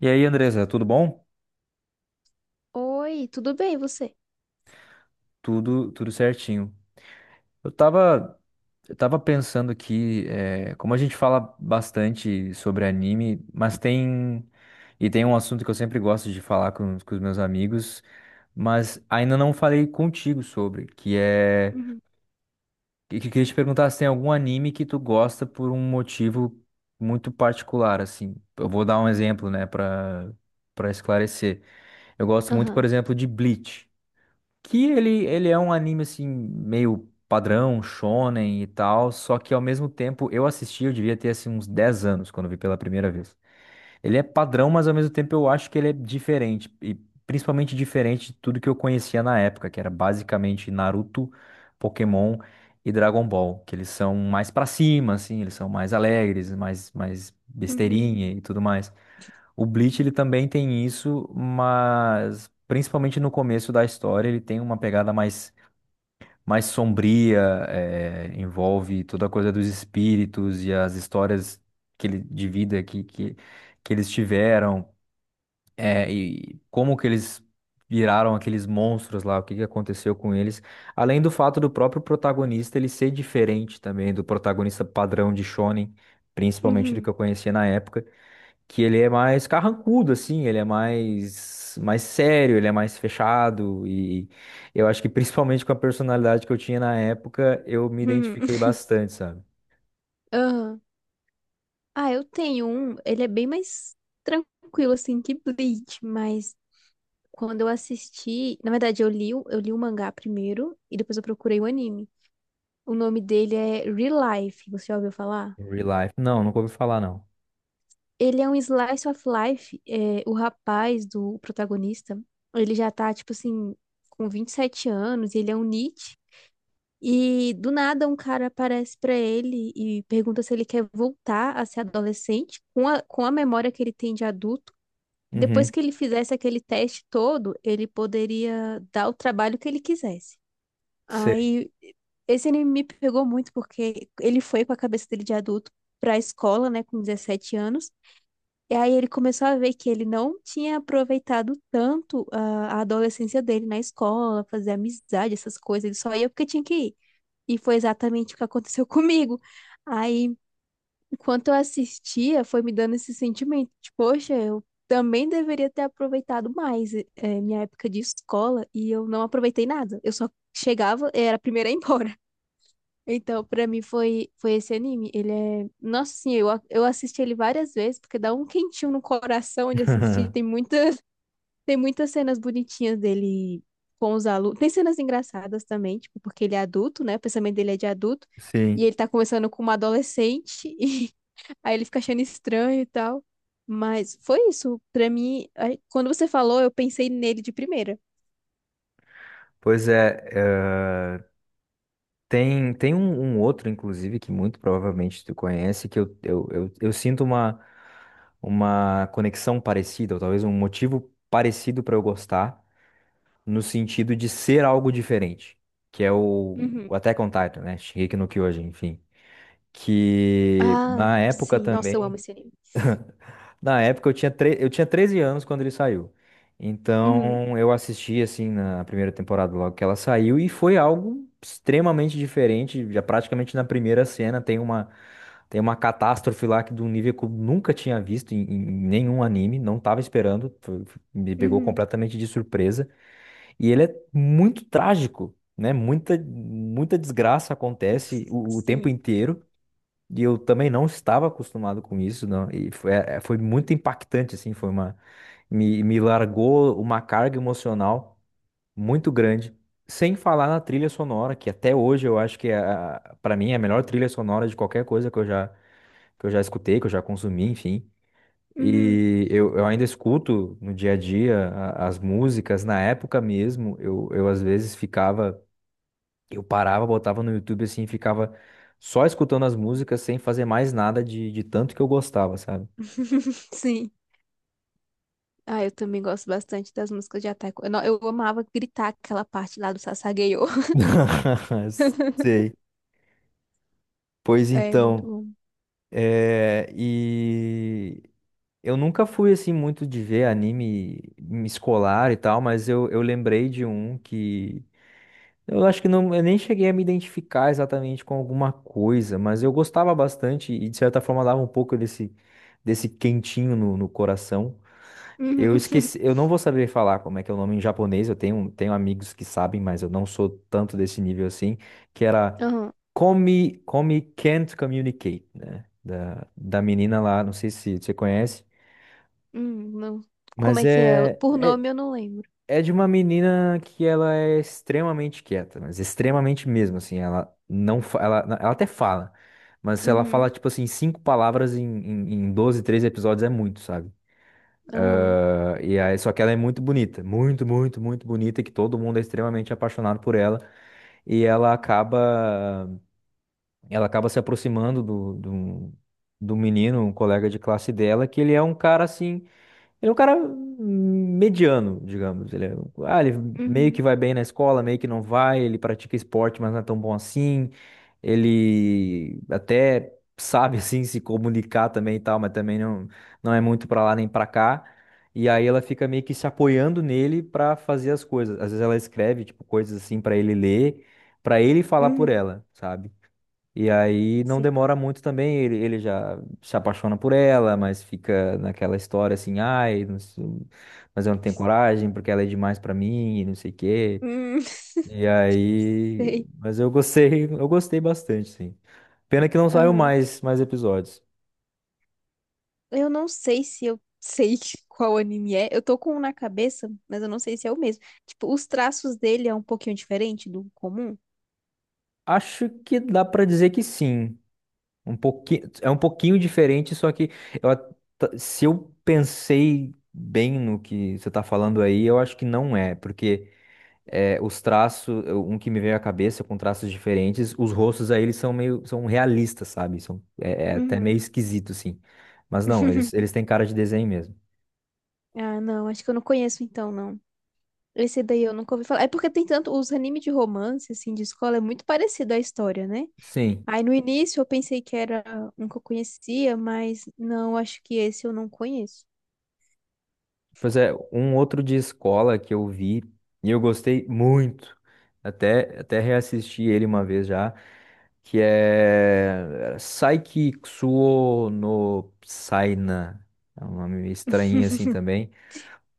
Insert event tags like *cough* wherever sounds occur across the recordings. E aí, Andresa, tudo bom? Oi, tudo bem, e você? Tudo, tudo certinho. Eu tava, eu tava pensando aqui, como a gente fala bastante sobre anime, e tem um assunto que eu sempre gosto de falar com os meus amigos, mas ainda não falei contigo sobre, Uhum. Que eu queria te perguntar se tem algum anime que tu gosta por um motivo muito particular, assim. Eu vou dar um exemplo, né, para esclarecer. Eu gosto muito, por Aham. exemplo, de Bleach. Que ele é um anime assim, meio padrão, shonen e tal, só que ao mesmo tempo eu assisti, eu devia ter assim uns 10 anos quando vi pela primeira vez. Ele é padrão, mas ao mesmo tempo eu acho que ele é diferente. E principalmente diferente de tudo que eu conhecia na época, que era basicamente Naruto, Pokémon e Dragon Ball. Que eles são mais pra cima, assim, eles são mais alegres, mais, mais Uhum. besteirinha e tudo mais. O Bleach, ele também tem isso, mas principalmente no começo da história, ele tem uma pegada mais sombria, envolve toda a coisa dos espíritos e as histórias de vida que eles tiveram, e como que eles viraram aqueles monstros lá, o que que aconteceu com eles, além do fato do próprio protagonista ele ser diferente também do protagonista padrão de Shonen, principalmente do Uhum. que eu conhecia na época que ele é mais carrancudo, assim, ele é mais sério, ele é mais fechado, e eu acho que principalmente com a personalidade que eu tinha na época, eu me Uhum. identifiquei *laughs* bastante, sabe? Aham. Ah, eu tenho um, ele é bem mais tranquilo, assim, que Bleach, mas quando eu assisti, na verdade, eu li, eu li o mangá primeiro e depois eu procurei o anime. O nome dele é Real Life, você já ouviu falar? Em Real Life. Não, nunca ouvi falar, não. Ele é um slice of life, é, o rapaz do protagonista, ele já tá, tipo assim, com 27 anos, e ele é um. E do nada um cara aparece pra ele e pergunta se ele quer voltar a ser adolescente com com a memória que ele tem de adulto. Depois Uhum, que ele fizesse aquele teste todo, ele poderia dar o trabalho que ele quisesse. sei. Aí esse anime me pegou muito porque ele foi com a cabeça dele de adulto pra escola, né, com 17 anos. E aí ele começou a ver que ele não tinha aproveitado tanto a adolescência dele na escola, fazer amizade, essas coisas, ele só ia porque tinha que ir. E foi exatamente o que aconteceu *laughs* comigo. Aí, enquanto eu assistia, foi me dando esse sentimento de, poxa, eu também deveria ter aproveitado mais minha época de escola e eu não aproveitei nada. Eu só chegava, era a primeira a ir embora. *laughs* Então, pra mim foi esse anime. Ele é, nossa, sim, eu eu assisti ele várias vezes porque dá um quentinho no coração de assistir. Tem *laughs* muita. Tem muitas cenas bonitinhas dele com os alunos. Tem cenas engraçadas também, tipo, porque ele é adulto, né? O pensamento dele é de adulto. E Sim. ele tá conversando com uma adolescente, *laughs* e aí ele fica achando estranho e tal. Mas foi isso. Pra mim, aí, quando você falou, eu pensei nele de primeira. Pois é, é, tem um outro, inclusive, que muito provavelmente tu conhece, que eu sinto uma conexão parecida, ou talvez um motivo parecido para eu gostar. No sentido de ser algo diferente, que é o Uhum. Attack on Titan, né? Shingeki no Kyojin, enfim. Que Ah, na época sim. Nossa, eu também, amo esse anime. na época eu tinha 13 anos quando ele saiu. Uhum. Então eu assisti assim na primeira temporada logo que ela saiu e foi algo extremamente diferente, já praticamente na primeira cena tem uma catástrofe lá que de um nível que eu nunca tinha visto em, em nenhum anime, não estava esperando, me pegou Uhum. completamente de surpresa. E ele é muito trágico, né? Muita, muita desgraça acontece o tempo Sim. inteiro. E eu também não estava acostumado com isso, não. E foi muito impactante, assim. Me largou uma carga emocional muito grande. Sem falar na trilha sonora, que até hoje eu acho que é, para mim é a melhor trilha sonora de qualquer coisa que que eu já escutei, que eu já consumi, enfim. Uhum. E eu ainda escuto no dia a dia a- as músicas. Na época mesmo, eu às vezes ficava, eu parava, botava no YouTube assim, e ficava só escutando as músicas sem fazer mais nada de tanto que eu gostava, sabe? *laughs* Sim. Ah, eu também gosto bastante das músicas de Attack. Eu, não- Eu amava gritar aquela parte lá do Sasageyo. *laughs* *laughs* Sei. Pois É, muito então, bom. E eu nunca fui assim muito de ver anime escolar e tal, mas eu lembrei de um que. Eu acho que não, eu nem cheguei a me identificar exatamente com alguma coisa, mas eu gostava bastante e de certa forma dava um pouco desse quentinho no coração. Eu Uhum. esqueci, *laughs* eu não vou saber falar como é que é o nome em japonês, eu tenho amigos que sabem, mas eu não sou tanto desse nível assim, que era Aham. Come, Come Can't Communicate, né? Da menina lá, não sei se você conhece, Não. Como mas é que é? é, Por é nome eu não lembro. é de uma menina que ela é extremamente quieta, mas extremamente mesmo, assim, ela não, ela até fala, mas ela fala, Uhum. tipo assim, cinco palavras em, em 12, 13 episódios é muito, sabe? Aham. Ah, e aí, só que ela é muito bonita, muito, muito, muito bonita, que todo mundo é extremamente apaixonado por ela, e ela acaba se aproximando do menino, um colega de classe dela, que ele é um cara, assim, ele é um cara mediano, digamos. Ele é, ele meio que Uhum. vai bem na escola, meio que não vai. Ele pratica esporte, mas não é tão bom assim. Ele até sabe, *laughs* assim, se comunicar também e tal, mas também não, não é muito pra lá nem pra cá. E aí ela fica meio que se apoiando nele pra fazer as coisas. Às vezes ela escreve, tipo, coisas assim pra ele ler, pra ele falar por Uhum. ela, sabe? E aí não Sei. demora muito também, ele já se apaixona por ela, mas fica naquela história assim, ai, não sei- mas eu não tenho coragem porque ela é demais pra mim, e não sei o quê. Hum. E *laughs* aí, Sei. mas eu gostei, *laughs* eu gostei bastante, sim. Pena que não saiu Aham. mais episódios. Eu não sei se eu sei *laughs* qual anime é. Eu tô com um na cabeça, mas eu não sei se é o mesmo. Tipo, os traços dele é um pouquinho diferente do comum. Acho que dá pra dizer que sim. Um pouquinho, é um pouquinho diferente, só que eu at- se eu pensei bem no que você tá falando aí, eu acho que não é, porque é, os traços, um que me veio à cabeça com traços diferentes, os rostos aí eles são meio, são realistas, sabe? São, é, é até Uhum. meio esquisito, assim. Mas não, eles, *laughs* eles têm cara de desenho mesmo. Ah, não, acho que eu não conheço então, não. Esse daí eu nunca ouvi falar. É porque tem tanto, os animes de romance, assim, de escola, é muito parecido a história, né? Sim. Aí no início eu pensei que era um que eu conhecia, mas não, acho que esse eu não conheço. Pois é, um outro de escola que eu vi e eu gostei muito, até reassisti ele uma vez já, que é Saiki Kusuo no Saina. É um nome meio estranho assim *laughs* também.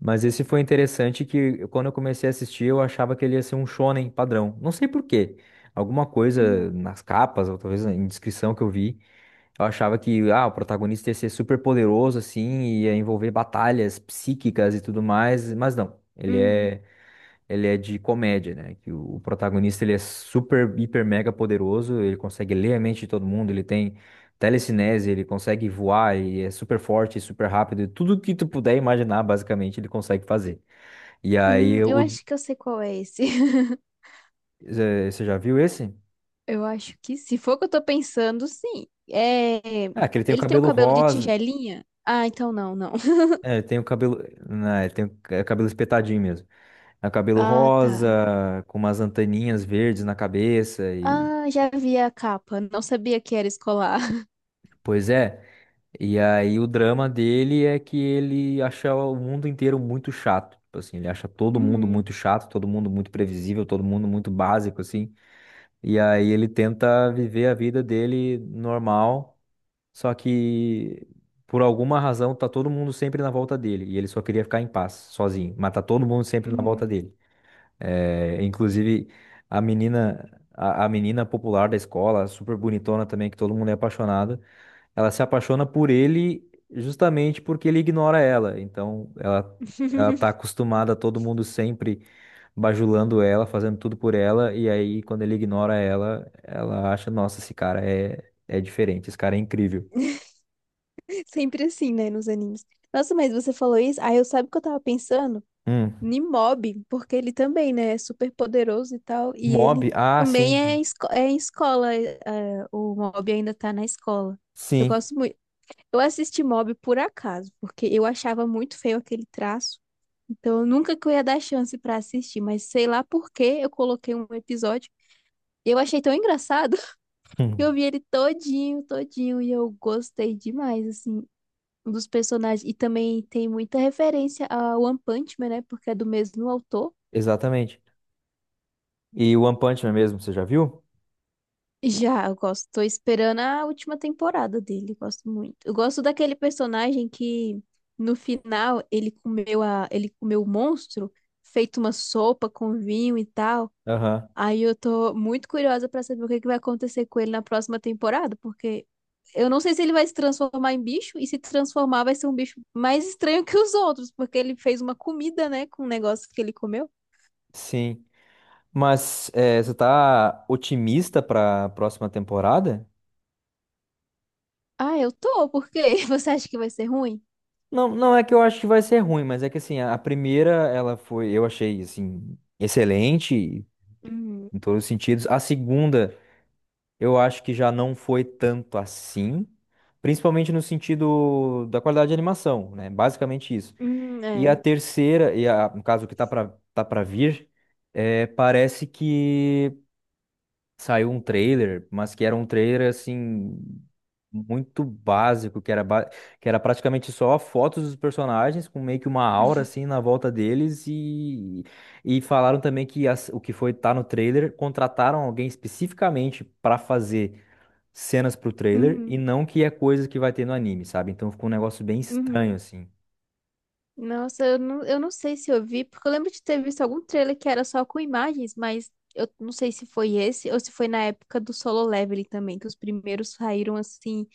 Mas esse foi interessante que eu- quando eu comecei a assistir, eu achava que ele ia ser um shonen padrão. Não sei por quê. Alguma Uhum. coisa nas capas, ou talvez na descrição que eu vi, eu achava que ah, o protagonista ia ser super poderoso assim, ia envolver batalhas psíquicas e tudo mais, mas não. Ele Uhum. é ele é de comédia, né? Que o protagonista ele é super, hiper, mega poderoso, ele consegue ler a mente de todo mundo, ele tem telecinese, ele consegue voar e é super forte, super rápido, e tudo que tu puder imaginar, basicamente, ele consegue fazer. E aí, Eu acho que eu sei qual é esse. *laughs* Você já viu esse? Eu acho que se for o que eu tô pensando, sim. É, Ah, que ele tem o ele tem um cabelo cabelo de rosa, tigelinha? Ah, então não, não. *laughs* é, ele tem o cabelo, não, ele tem o cabelo espetadinho mesmo. É o cabelo Ah, tá. rosa, com umas anteninhas verdes na cabeça e, Ah, já vi a capa. Não sabia que era escolar. *laughs* pois é. E aí o drama dele é que ele acha o mundo inteiro muito chato. Tipo assim, ele acha todo mundo Uhum. muito chato, todo mundo muito previsível, todo mundo muito básico, assim. E aí ele tenta viver a vida dele normal, só que por alguma razão tá todo mundo sempre na volta dele. E ele só queria ficar em paz, sozinho. Mas tá todo mundo sempre na volta Uhum. dele. É, inclusive, a menina, a menina popular da escola, super bonitona também, que todo mundo é apaixonado. Ela se apaixona por ele justamente porque ele ignora ela. Então, ela tá *laughs* acostumada a todo mundo sempre bajulando ela, fazendo tudo por ela, e aí quando ele ignora ela, ela acha, nossa, esse cara é diferente, esse cara é incrível. Sempre assim, né, nos animes. Nossa, mas você falou isso? Aí eu sabe o que eu tava pensando? Hum. Nimob, porque ele também, né, é super poderoso e tal, e Mob? ele Ah, também sim. é, é em escola, o Mob ainda tá na escola. Eu Sim. *laughs* gosto muito. Eu assisti Mob por acaso, porque eu achava muito feio aquele traço, então eu nunca que eu ia dar chance pra assistir, mas sei lá por que eu coloquei um episódio e eu achei tão engraçado *laughs* que Hum. eu vi ele todinho, todinho, e eu gostei demais, assim. Um dos personagens, e também tem muita referência a One Punch Man, né? Porque é do mesmo autor. Exatamente. E o One Punch Man mesmo, você já viu? Já, eu gosto. Tô esperando a última temporada dele. Gosto muito. Eu gosto daquele personagem que no final ele comeu ele comeu o monstro, feito uma sopa com vinho e tal. Aham. Aí eu tô muito curiosa pra saber o que que vai acontecer com ele na próxima temporada, porque eu não sei se ele vai se transformar em bicho e se transformar vai ser um bicho mais estranho que os outros, porque ele fez uma comida, né, com um negócio que ele comeu. Sim. Mas você tá otimista pra próxima temporada? Ah, eu tô, por quê? *laughs* Você acha que vai ser ruim? Não, não é que eu acho que vai ser ruim, mas é que assim, a primeira ela foi, eu achei assim, excelente Hum. em todos os sentidos. A segunda, eu acho que já não foi tanto assim, principalmente no sentido da qualidade de animação, né? Basicamente isso. Hum, E a é. terceira, e a, no caso o que tá pra vir, é, parece que saiu um trailer, mas que era um trailer assim muito básico, que era praticamente só fotos dos personagens com meio que uma aura *laughs* assim na volta deles e falaram também que o que foi tá no trailer, contrataram alguém especificamente para fazer cenas pro trailer e Uhum. não que é coisa que vai ter no anime, sabe? Então ficou um negócio bem Uhum. estranho assim. Nossa, eu não sei se eu vi, porque eu lembro de ter visto algum trailer que era só com imagens, mas eu não sei se foi esse ou se foi na época do Solo Leveling também, que os primeiros saíram assim,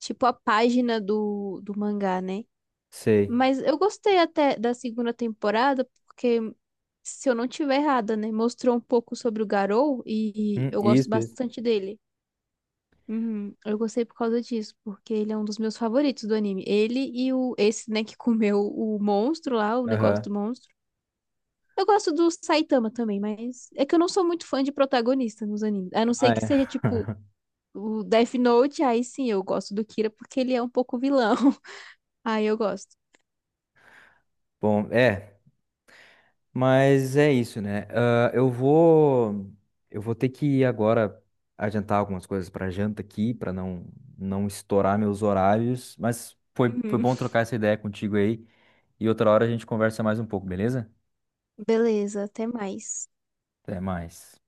tipo a página do mangá, né? Sei. Mas eu gostei até da segunda temporada, porque, se eu não tiver errada, né, mostrou um pouco sobre o Garou e eu gosto Isso, isso. bastante dele. Uhum, eu gostei por causa disso, porque ele é um dos meus favoritos do anime. Ele e o esse, né, que *laughs* comeu o monstro lá, o negócio Aham. do monstro. Eu gosto do Saitama também, mas é que eu não sou muito fã de protagonista nos animes. A não ser Ah, que seja tipo é. *laughs* o Death Note, aí sim eu gosto do Kira porque ele é um pouco vilão. *laughs* Aí eu gosto. Bom, é. Mas é isso, né? Ah, eu vou ter que ir agora adiantar algumas coisas para janta aqui, para não estourar meus horários. Mas foi Uhum. bom trocar essa ideia contigo aí. E outra hora a gente conversa mais um pouco, beleza? Beleza, até mais. Até mais.